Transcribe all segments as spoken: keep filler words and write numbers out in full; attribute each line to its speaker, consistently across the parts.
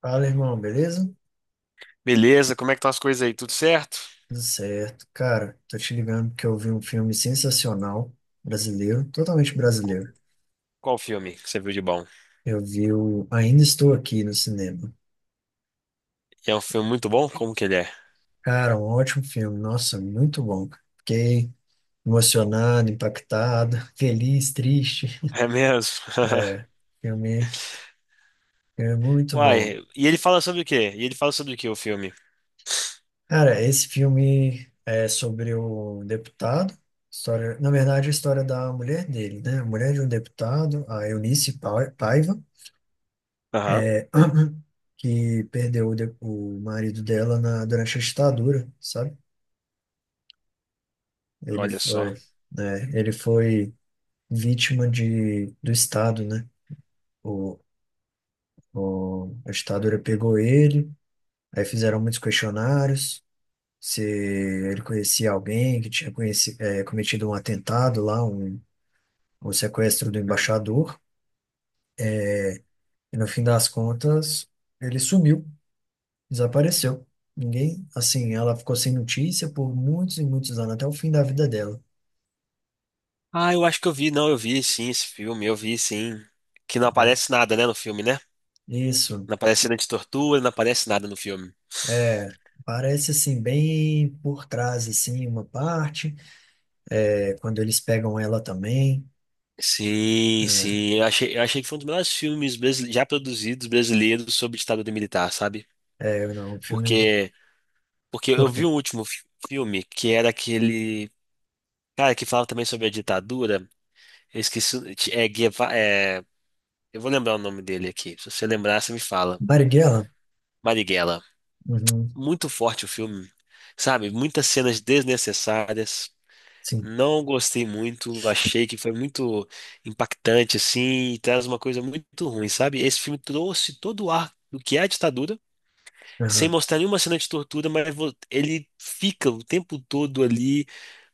Speaker 1: Fala, irmão, beleza?
Speaker 2: Beleza, como é que estão as coisas aí? Tudo certo?
Speaker 1: Tudo certo. Cara, tô te ligando porque eu vi um filme sensacional, brasileiro, totalmente
Speaker 2: Qu-
Speaker 1: brasileiro.
Speaker 2: Qual filme que você viu de bom?
Speaker 1: Eu vi o Ainda Estou Aqui no cinema.
Speaker 2: E é um filme muito bom? Como que ele é?
Speaker 1: Cara, um ótimo filme, nossa, muito bom. Cara. Fiquei emocionado, impactado, feliz, triste.
Speaker 2: É mesmo?
Speaker 1: É, filme, filme muito bom.
Speaker 2: Uai, e ele fala sobre o quê? E ele fala sobre o quê, o filme?
Speaker 1: Cara, esse filme é sobre o deputado, história, na verdade, a história da mulher dele, né? A mulher de um deputado, a Eunice Pai- Paiva.
Speaker 2: Aham,
Speaker 1: é, que perdeu o, de- o marido dela na, durante a ditadura, sabe? Ele
Speaker 2: olha só.
Speaker 1: foi, né, ele foi vítima de, do Estado, né? O, o, a ditadura pegou ele, aí fizeram muitos questionários, se ele conhecia alguém que tinha conheci, é, cometido um atentado lá, um, um sequestro do
Speaker 2: Hum.
Speaker 1: embaixador, e no fim das contas ele sumiu. Desapareceu. Ninguém, assim, ela ficou sem notícia por muitos e muitos anos, até o fim da vida dela,
Speaker 2: Ah, eu acho que eu vi, não, eu vi sim esse filme, eu vi sim. Que não
Speaker 1: né?
Speaker 2: aparece nada, né, no filme, né?
Speaker 1: Isso,
Speaker 2: Não aparece cena de tortura, não aparece nada no filme.
Speaker 1: é, parece assim, bem por trás, assim, uma parte, é, quando eles pegam ela também,
Speaker 2: Sim, sim, eu achei, eu achei que foi um dos melhores filmes brasile- já produzidos brasileiros sobre ditadura militar, sabe?
Speaker 1: é, é, não, o filme,
Speaker 2: Porque Porque eu
Speaker 1: por quê?
Speaker 2: vi o último fi- filme, que era aquele. Cara, que falava também sobre a ditadura. Eu esqueci. O- É, Gueva- é, eu vou lembrar o nome dele aqui. Se você lembrar, você me fala.
Speaker 1: Marighella?
Speaker 2: Marighella.
Speaker 1: Uhum,
Speaker 2: Muito forte o filme. Sabe? Muitas cenas desnecessárias.
Speaker 1: sim,
Speaker 2: Não gostei muito. Achei que foi muito impactante, assim. E traz uma coisa muito ruim, sabe? Esse filme trouxe todo o ar do que é a ditadura, sem
Speaker 1: aham.
Speaker 2: mostrar nenhuma cena de tortura, mas vo- ele fica o tempo todo ali.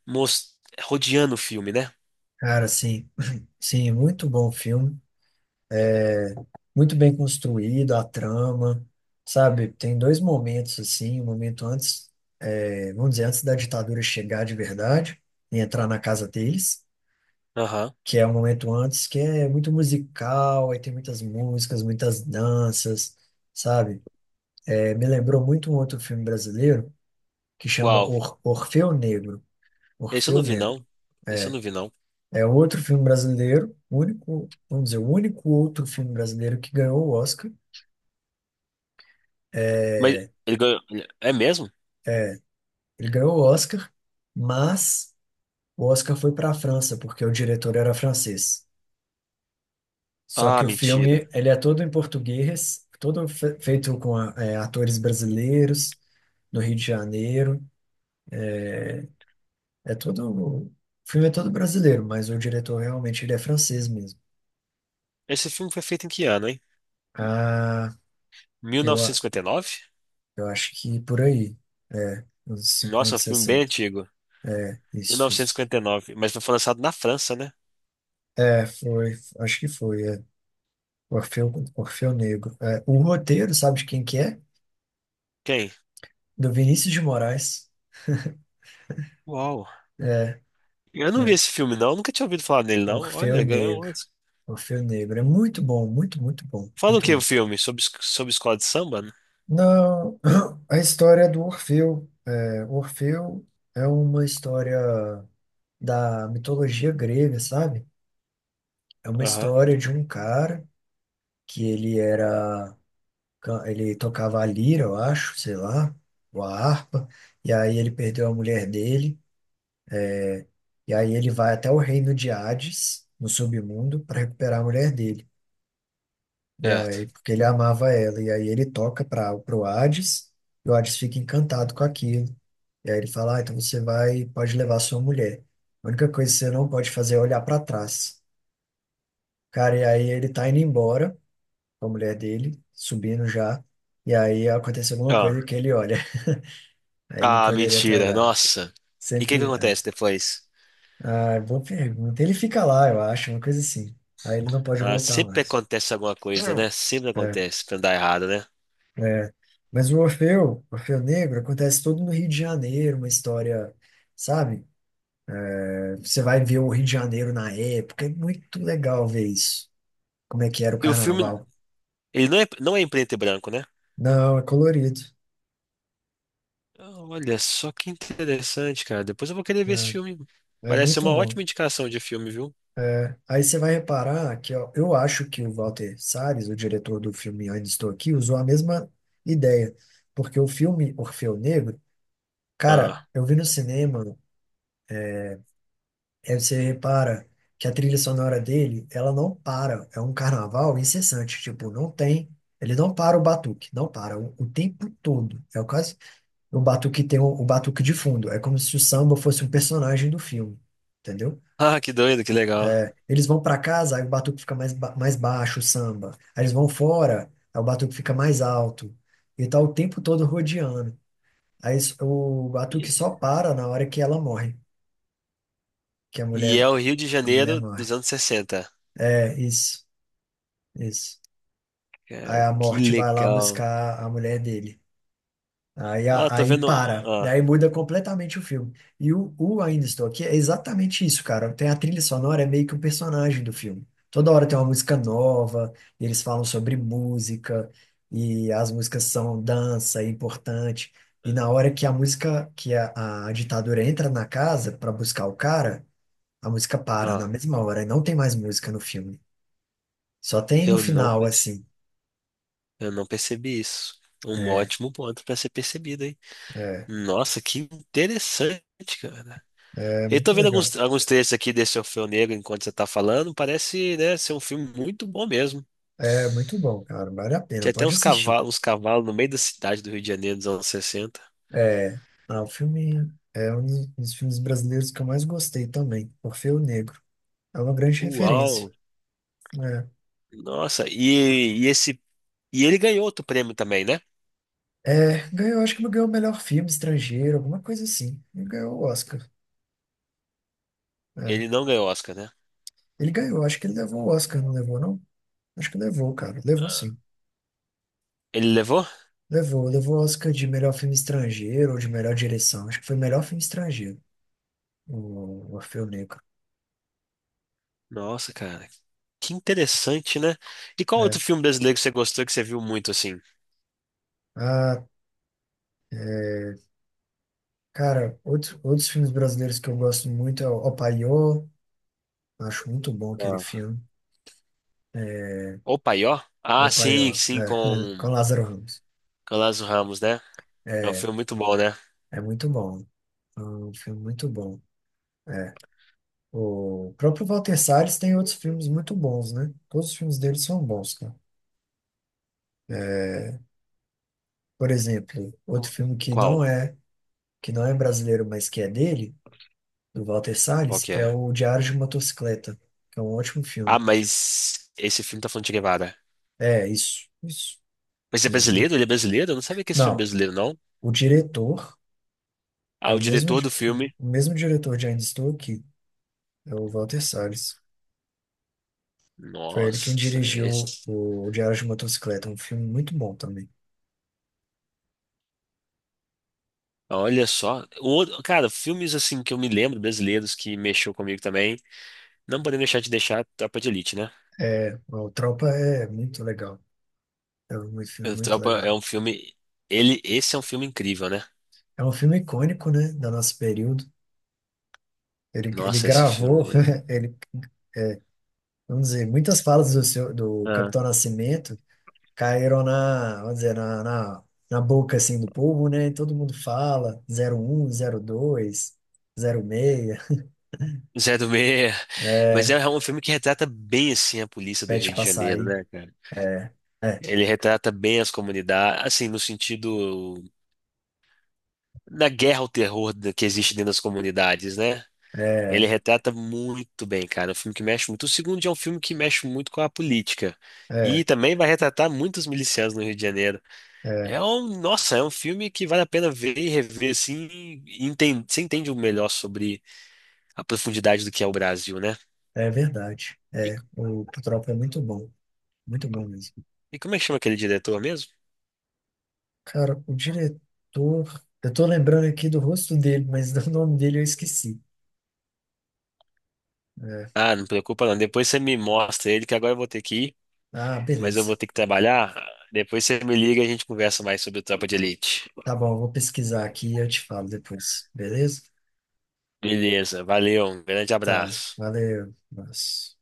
Speaker 2: Mos- rodeando o filme, né?
Speaker 1: Cara, sim, sim, muito bom filme. É muito bem construído a trama, sabe? Tem dois momentos assim, um momento antes, é, vamos dizer, antes da ditadura chegar de verdade e entrar na casa deles,
Speaker 2: Aham.
Speaker 1: que é o momento antes que é muito musical, aí tem muitas músicas, muitas danças, sabe? É, me lembrou muito um outro filme brasileiro que chama
Speaker 2: Uau.
Speaker 1: Or Orfeu Negro.
Speaker 2: Esse eu
Speaker 1: Orfeu
Speaker 2: não vi,
Speaker 1: Negro.
Speaker 2: não. Esse eu não vi, não.
Speaker 1: É um outro filme brasileiro, o único, vamos dizer, o único outro filme brasileiro que ganhou o Oscar.
Speaker 2: Mas
Speaker 1: É,
Speaker 2: ele ganhou. É mesmo?
Speaker 1: ele ganhou o Oscar, mas o Oscar foi para a França, porque o diretor era francês. Só que
Speaker 2: Ah,
Speaker 1: o
Speaker 2: mentira.
Speaker 1: filme, ele é todo em português, todo fe- feito com a- é, atores brasileiros, no Rio de Janeiro. É todo, o filme é todo brasileiro, mas o diretor realmente ele é francês mesmo.
Speaker 2: Esse filme foi feito em que ano, hein?
Speaker 1: Ah, eu, a-
Speaker 2: mil novecentos e cinquenta e nove?
Speaker 1: eu acho que por aí, é, uns cinquenta,
Speaker 2: Nossa, é um filme bem
Speaker 1: sessenta.
Speaker 2: antigo.
Speaker 1: Isso, isso.
Speaker 2: mil novecentos e cinquenta e nove. Mas foi lançado na França, né?
Speaker 1: É, foi, acho que foi, é. Orfeu, Orfeu Negro. É, o roteiro, sabe de quem que é?
Speaker 2: Quem?
Speaker 1: Do Vinícius de Moraes.
Speaker 2: Uau.
Speaker 1: É,
Speaker 2: Eu não vi
Speaker 1: é.
Speaker 2: esse filme, não. Nunca tinha ouvido falar nele, não.
Speaker 1: Orfeu
Speaker 2: Olha, ganhou
Speaker 1: Negro.
Speaker 2: um Oscar.
Speaker 1: Orfeu Negro. É muito bom, muito, muito bom,
Speaker 2: Fala o
Speaker 1: muito
Speaker 2: que o
Speaker 1: bom.
Speaker 2: filme? Sobre, es- sobre escola de samba? Né?
Speaker 1: Não, a história do Orfeu. É, Orfeu é uma história da mitologia grega, sabe? É uma
Speaker 2: Aham.
Speaker 1: história de um cara que ele era, ele tocava a lira, eu acho, sei lá, ou a harpa, e aí ele perdeu a mulher dele, e aí ele vai até o reino de Hades, no submundo, para recuperar a mulher dele. E
Speaker 2: Certo.
Speaker 1: aí, porque ele amava ela. E aí ele toca para pro Hades, e o Hades fica encantado com aquilo. E aí ele fala, ah, então você vai, pode levar sua mulher. A única coisa que você não pode fazer é olhar para trás. Cara, e aí ele tá indo embora com a mulher dele, subindo já. E aí aconteceu alguma coisa
Speaker 2: Ah.
Speaker 1: que ele olha. Aí ele não
Speaker 2: Ah,
Speaker 1: poderia ter
Speaker 2: mentira.
Speaker 1: olhado.
Speaker 2: Nossa. E o que que
Speaker 1: Sempre.
Speaker 2: acontece depois?
Speaker 1: Ah, ah, boa pergunta. Ele fica lá, eu acho, uma coisa assim. Aí ele não pode
Speaker 2: Ah,
Speaker 1: voltar
Speaker 2: sempre
Speaker 1: mais.
Speaker 2: acontece alguma coisa, né? Sempre
Speaker 1: É.
Speaker 2: acontece pra dar errado, né?
Speaker 1: É, mas o Orfeu, Orfeu Negro, acontece todo no Rio de Janeiro, uma história, sabe? É, você vai ver o Rio de Janeiro na época, é muito legal ver isso, como é que era o
Speaker 2: E o filme,
Speaker 1: carnaval.
Speaker 2: ele não é, não é em preto e branco, né?
Speaker 1: Não, é colorido,
Speaker 2: Ah, Olha só que interessante, cara. Depois eu vou querer ver esse filme.
Speaker 1: é, é
Speaker 2: Parece ser
Speaker 1: muito
Speaker 2: uma
Speaker 1: bom.
Speaker 2: ótima indicação de filme, viu?
Speaker 1: É, aí você vai reparar que ó, eu acho que o Walter Salles, o diretor do filme Ainda Estou Aqui, usou a mesma ideia, porque o filme Orfeu Negro, cara,
Speaker 2: Ah,
Speaker 1: eu vi no cinema. Aí você repara que a trilha sonora dele, ela não para. É um carnaval incessante. Tipo, não tem. Ele não para o batuque, não para o, o tempo todo. É quase o batuque tem o, o batuque de fundo. É como se o samba fosse um personagem do filme, entendeu?
Speaker 2: ah, que doido, que legal.
Speaker 1: Eles vão para casa, aí o batuque fica mais, ba- mais baixo, o samba. Aí eles vão fora, aí o batuque fica mais alto. E tá o tempo todo rodeando. Aí s- o batuque só para na hora que ela morre, que a
Speaker 2: E
Speaker 1: mulher,
Speaker 2: é o Rio de
Speaker 1: a mulher
Speaker 2: Janeiro dos
Speaker 1: morre.
Speaker 2: anos sessenta.
Speaker 1: É isso. Isso. Aí
Speaker 2: Cara,
Speaker 1: a
Speaker 2: que
Speaker 1: morte vai lá
Speaker 2: legal.
Speaker 1: buscar a mulher dele. Aí, a-
Speaker 2: Ah, tô
Speaker 1: aí
Speaker 2: vendo.
Speaker 1: para.
Speaker 2: Ah,
Speaker 1: Daí muda completamente o filme. E o, o Ainda Estou Aqui é exatamente isso, cara. Tem a trilha sonora, é meio que o personagem do filme. Toda hora tem uma música nova, e eles falam sobre música, e as músicas são dança, é importante. E na hora que a música, que a, a ditadura entra na casa para buscar o cara, a música para na
Speaker 2: ah,
Speaker 1: mesma hora, e não tem mais música no filme. Só tem no
Speaker 2: eu não,
Speaker 1: final,
Speaker 2: perce-
Speaker 1: assim.
Speaker 2: eu não percebi isso. Um
Speaker 1: É,
Speaker 2: ótimo ponto pra ser percebido, hein?
Speaker 1: é.
Speaker 2: Nossa, que interessante, cara.
Speaker 1: É
Speaker 2: Eu tô
Speaker 1: muito
Speaker 2: vendo alguns,
Speaker 1: legal.
Speaker 2: alguns trechos aqui desse Orfeu Negro enquanto você tá falando. Parece, né, ser um filme muito bom mesmo.
Speaker 1: É muito bom, cara. Vale a pena.
Speaker 2: Tinha até
Speaker 1: Pode
Speaker 2: uns
Speaker 1: assistir.
Speaker 2: cavalos, uns cavalos no meio da cidade do Rio de Janeiro dos anos sessenta.
Speaker 1: É, ah, o filme é um dos dos filmes brasileiros que eu mais gostei também, Orfeu Negro. É uma grande referência.
Speaker 2: Uau!
Speaker 1: É,
Speaker 2: Nossa, e, e esse. E ele ganhou outro prêmio também, né?
Speaker 1: é, ganhou, acho que ele ganhou o melhor filme estrangeiro, alguma coisa assim. Ele ganhou o Oscar. É.
Speaker 2: Ele não ganhou Oscar, né?
Speaker 1: Ele ganhou, acho que ele levou o Oscar, não levou, não? Acho que levou, cara. Levou sim.
Speaker 2: Ah. Ele levou?
Speaker 1: Levou, levou o Oscar de melhor filme estrangeiro ou de melhor direção. Acho que foi melhor filme estrangeiro, o Orfeu Negro.
Speaker 2: Nossa, cara, que interessante, né? E qual
Speaker 1: É.
Speaker 2: outro filme brasileiro que você gostou que você viu muito assim?
Speaker 1: Ah, é. Cara, outros, outros filmes brasileiros que eu gosto muito é o O, acho muito bom aquele
Speaker 2: Ah.
Speaker 1: filme. É,
Speaker 2: O Paió? Ah,
Speaker 1: O
Speaker 2: sim,
Speaker 1: Paiô, é,
Speaker 2: sim, com,
Speaker 1: com Lázaro Ramos.
Speaker 2: com o Lázaro Ramos, né? É um
Speaker 1: É,
Speaker 2: filme muito bom, né?
Speaker 1: é muito bom. É um filme muito bom. É. O próprio Walter Salles tem outros filmes muito bons, né? Todos os filmes dele são bons, cara. É, por exemplo, outro filme que
Speaker 2: Qual?
Speaker 1: não é que não é brasileiro, mas que é dele, do Walter
Speaker 2: Qual
Speaker 1: Salles,
Speaker 2: que
Speaker 1: é
Speaker 2: é?
Speaker 1: o Diário de Motocicleta, que é um ótimo
Speaker 2: Ah,
Speaker 1: filme.
Speaker 2: mas esse filme tá falando de Che Guevara.
Speaker 1: É, isso, isso,
Speaker 2: Mas é brasileiro?
Speaker 1: exatamente.
Speaker 2: Ele é brasileiro? Eu não sabia que esse filme é
Speaker 1: Não,
Speaker 2: brasileiro, não.
Speaker 1: o diretor é
Speaker 2: Ah,
Speaker 1: o
Speaker 2: o
Speaker 1: mesmo,
Speaker 2: diretor do
Speaker 1: di- o
Speaker 2: filme.
Speaker 1: mesmo diretor de Ainda Estou Aqui, é o Walter Salles. Foi ele quem
Speaker 2: Nossa,
Speaker 1: dirigiu
Speaker 2: esse...
Speaker 1: o Diário de Motocicleta, um filme muito bom também.
Speaker 2: Olha só. O outro- Cara, filmes assim que eu me lembro, brasileiros, que mexeu comigo também. Não podemos deixar de deixar Tropa de Elite, né?
Speaker 1: É, o Tropa é muito legal. É um filme
Speaker 2: O
Speaker 1: muito
Speaker 2: Tropa é
Speaker 1: legal.
Speaker 2: um filme. Ele... Esse é um filme incrível, né?
Speaker 1: É um filme icônico, né, do nosso período. Ele, ele
Speaker 2: Nossa, esse
Speaker 1: gravou,
Speaker 2: filme.
Speaker 1: ele, vamos dizer, muitas falas do, seu, do
Speaker 2: Ah.
Speaker 1: Capitão Nascimento caíram na, vamos dizer, na, na, na boca, assim, do povo, né? E todo mundo fala, zero zero um zero dois zero seis.
Speaker 2: Zé do Meia. Mas é um filme que retrata bem assim a polícia do Rio
Speaker 1: Pede
Speaker 2: de Janeiro,
Speaker 1: Passaí.
Speaker 2: né, cara?
Speaker 1: É, é,
Speaker 2: Ele retrata bem as comunidades, assim, no sentido. Da guerra ao terror da- que existe dentro das comunidades, né? Ele
Speaker 1: é,
Speaker 2: retrata muito bem, cara. É um filme que mexe muito. O segundo é um filme que mexe muito com a política.
Speaker 1: é,
Speaker 2: E também vai retratar muitos milicianos no Rio de Janeiro.
Speaker 1: é,
Speaker 2: É um, nossa, é um filme que vale a pena ver e rever assim. E enten- você entende o melhor sobre a profundidade do que é o Brasil, né?
Speaker 1: é verdade.
Speaker 2: E,
Speaker 1: É, o Tropa é muito bom. Muito bom mesmo.
Speaker 2: e como é que chama aquele diretor mesmo?
Speaker 1: Cara, o diretor. Eu tô lembrando aqui do rosto dele, mas do nome dele eu esqueci. É.
Speaker 2: Ah, não preocupa não. Depois você me mostra ele, que agora eu vou ter que ir,
Speaker 1: Ah,
Speaker 2: mas eu
Speaker 1: beleza.
Speaker 2: vou ter que trabalhar. Depois você me liga e a gente conversa mais sobre o Tropa de Elite.
Speaker 1: Tá bom, eu vou pesquisar aqui e eu te falo depois. Beleza?
Speaker 2: Beleza, valeu, um grande
Speaker 1: Tá.
Speaker 2: abraço.
Speaker 1: Valeu. Nossa.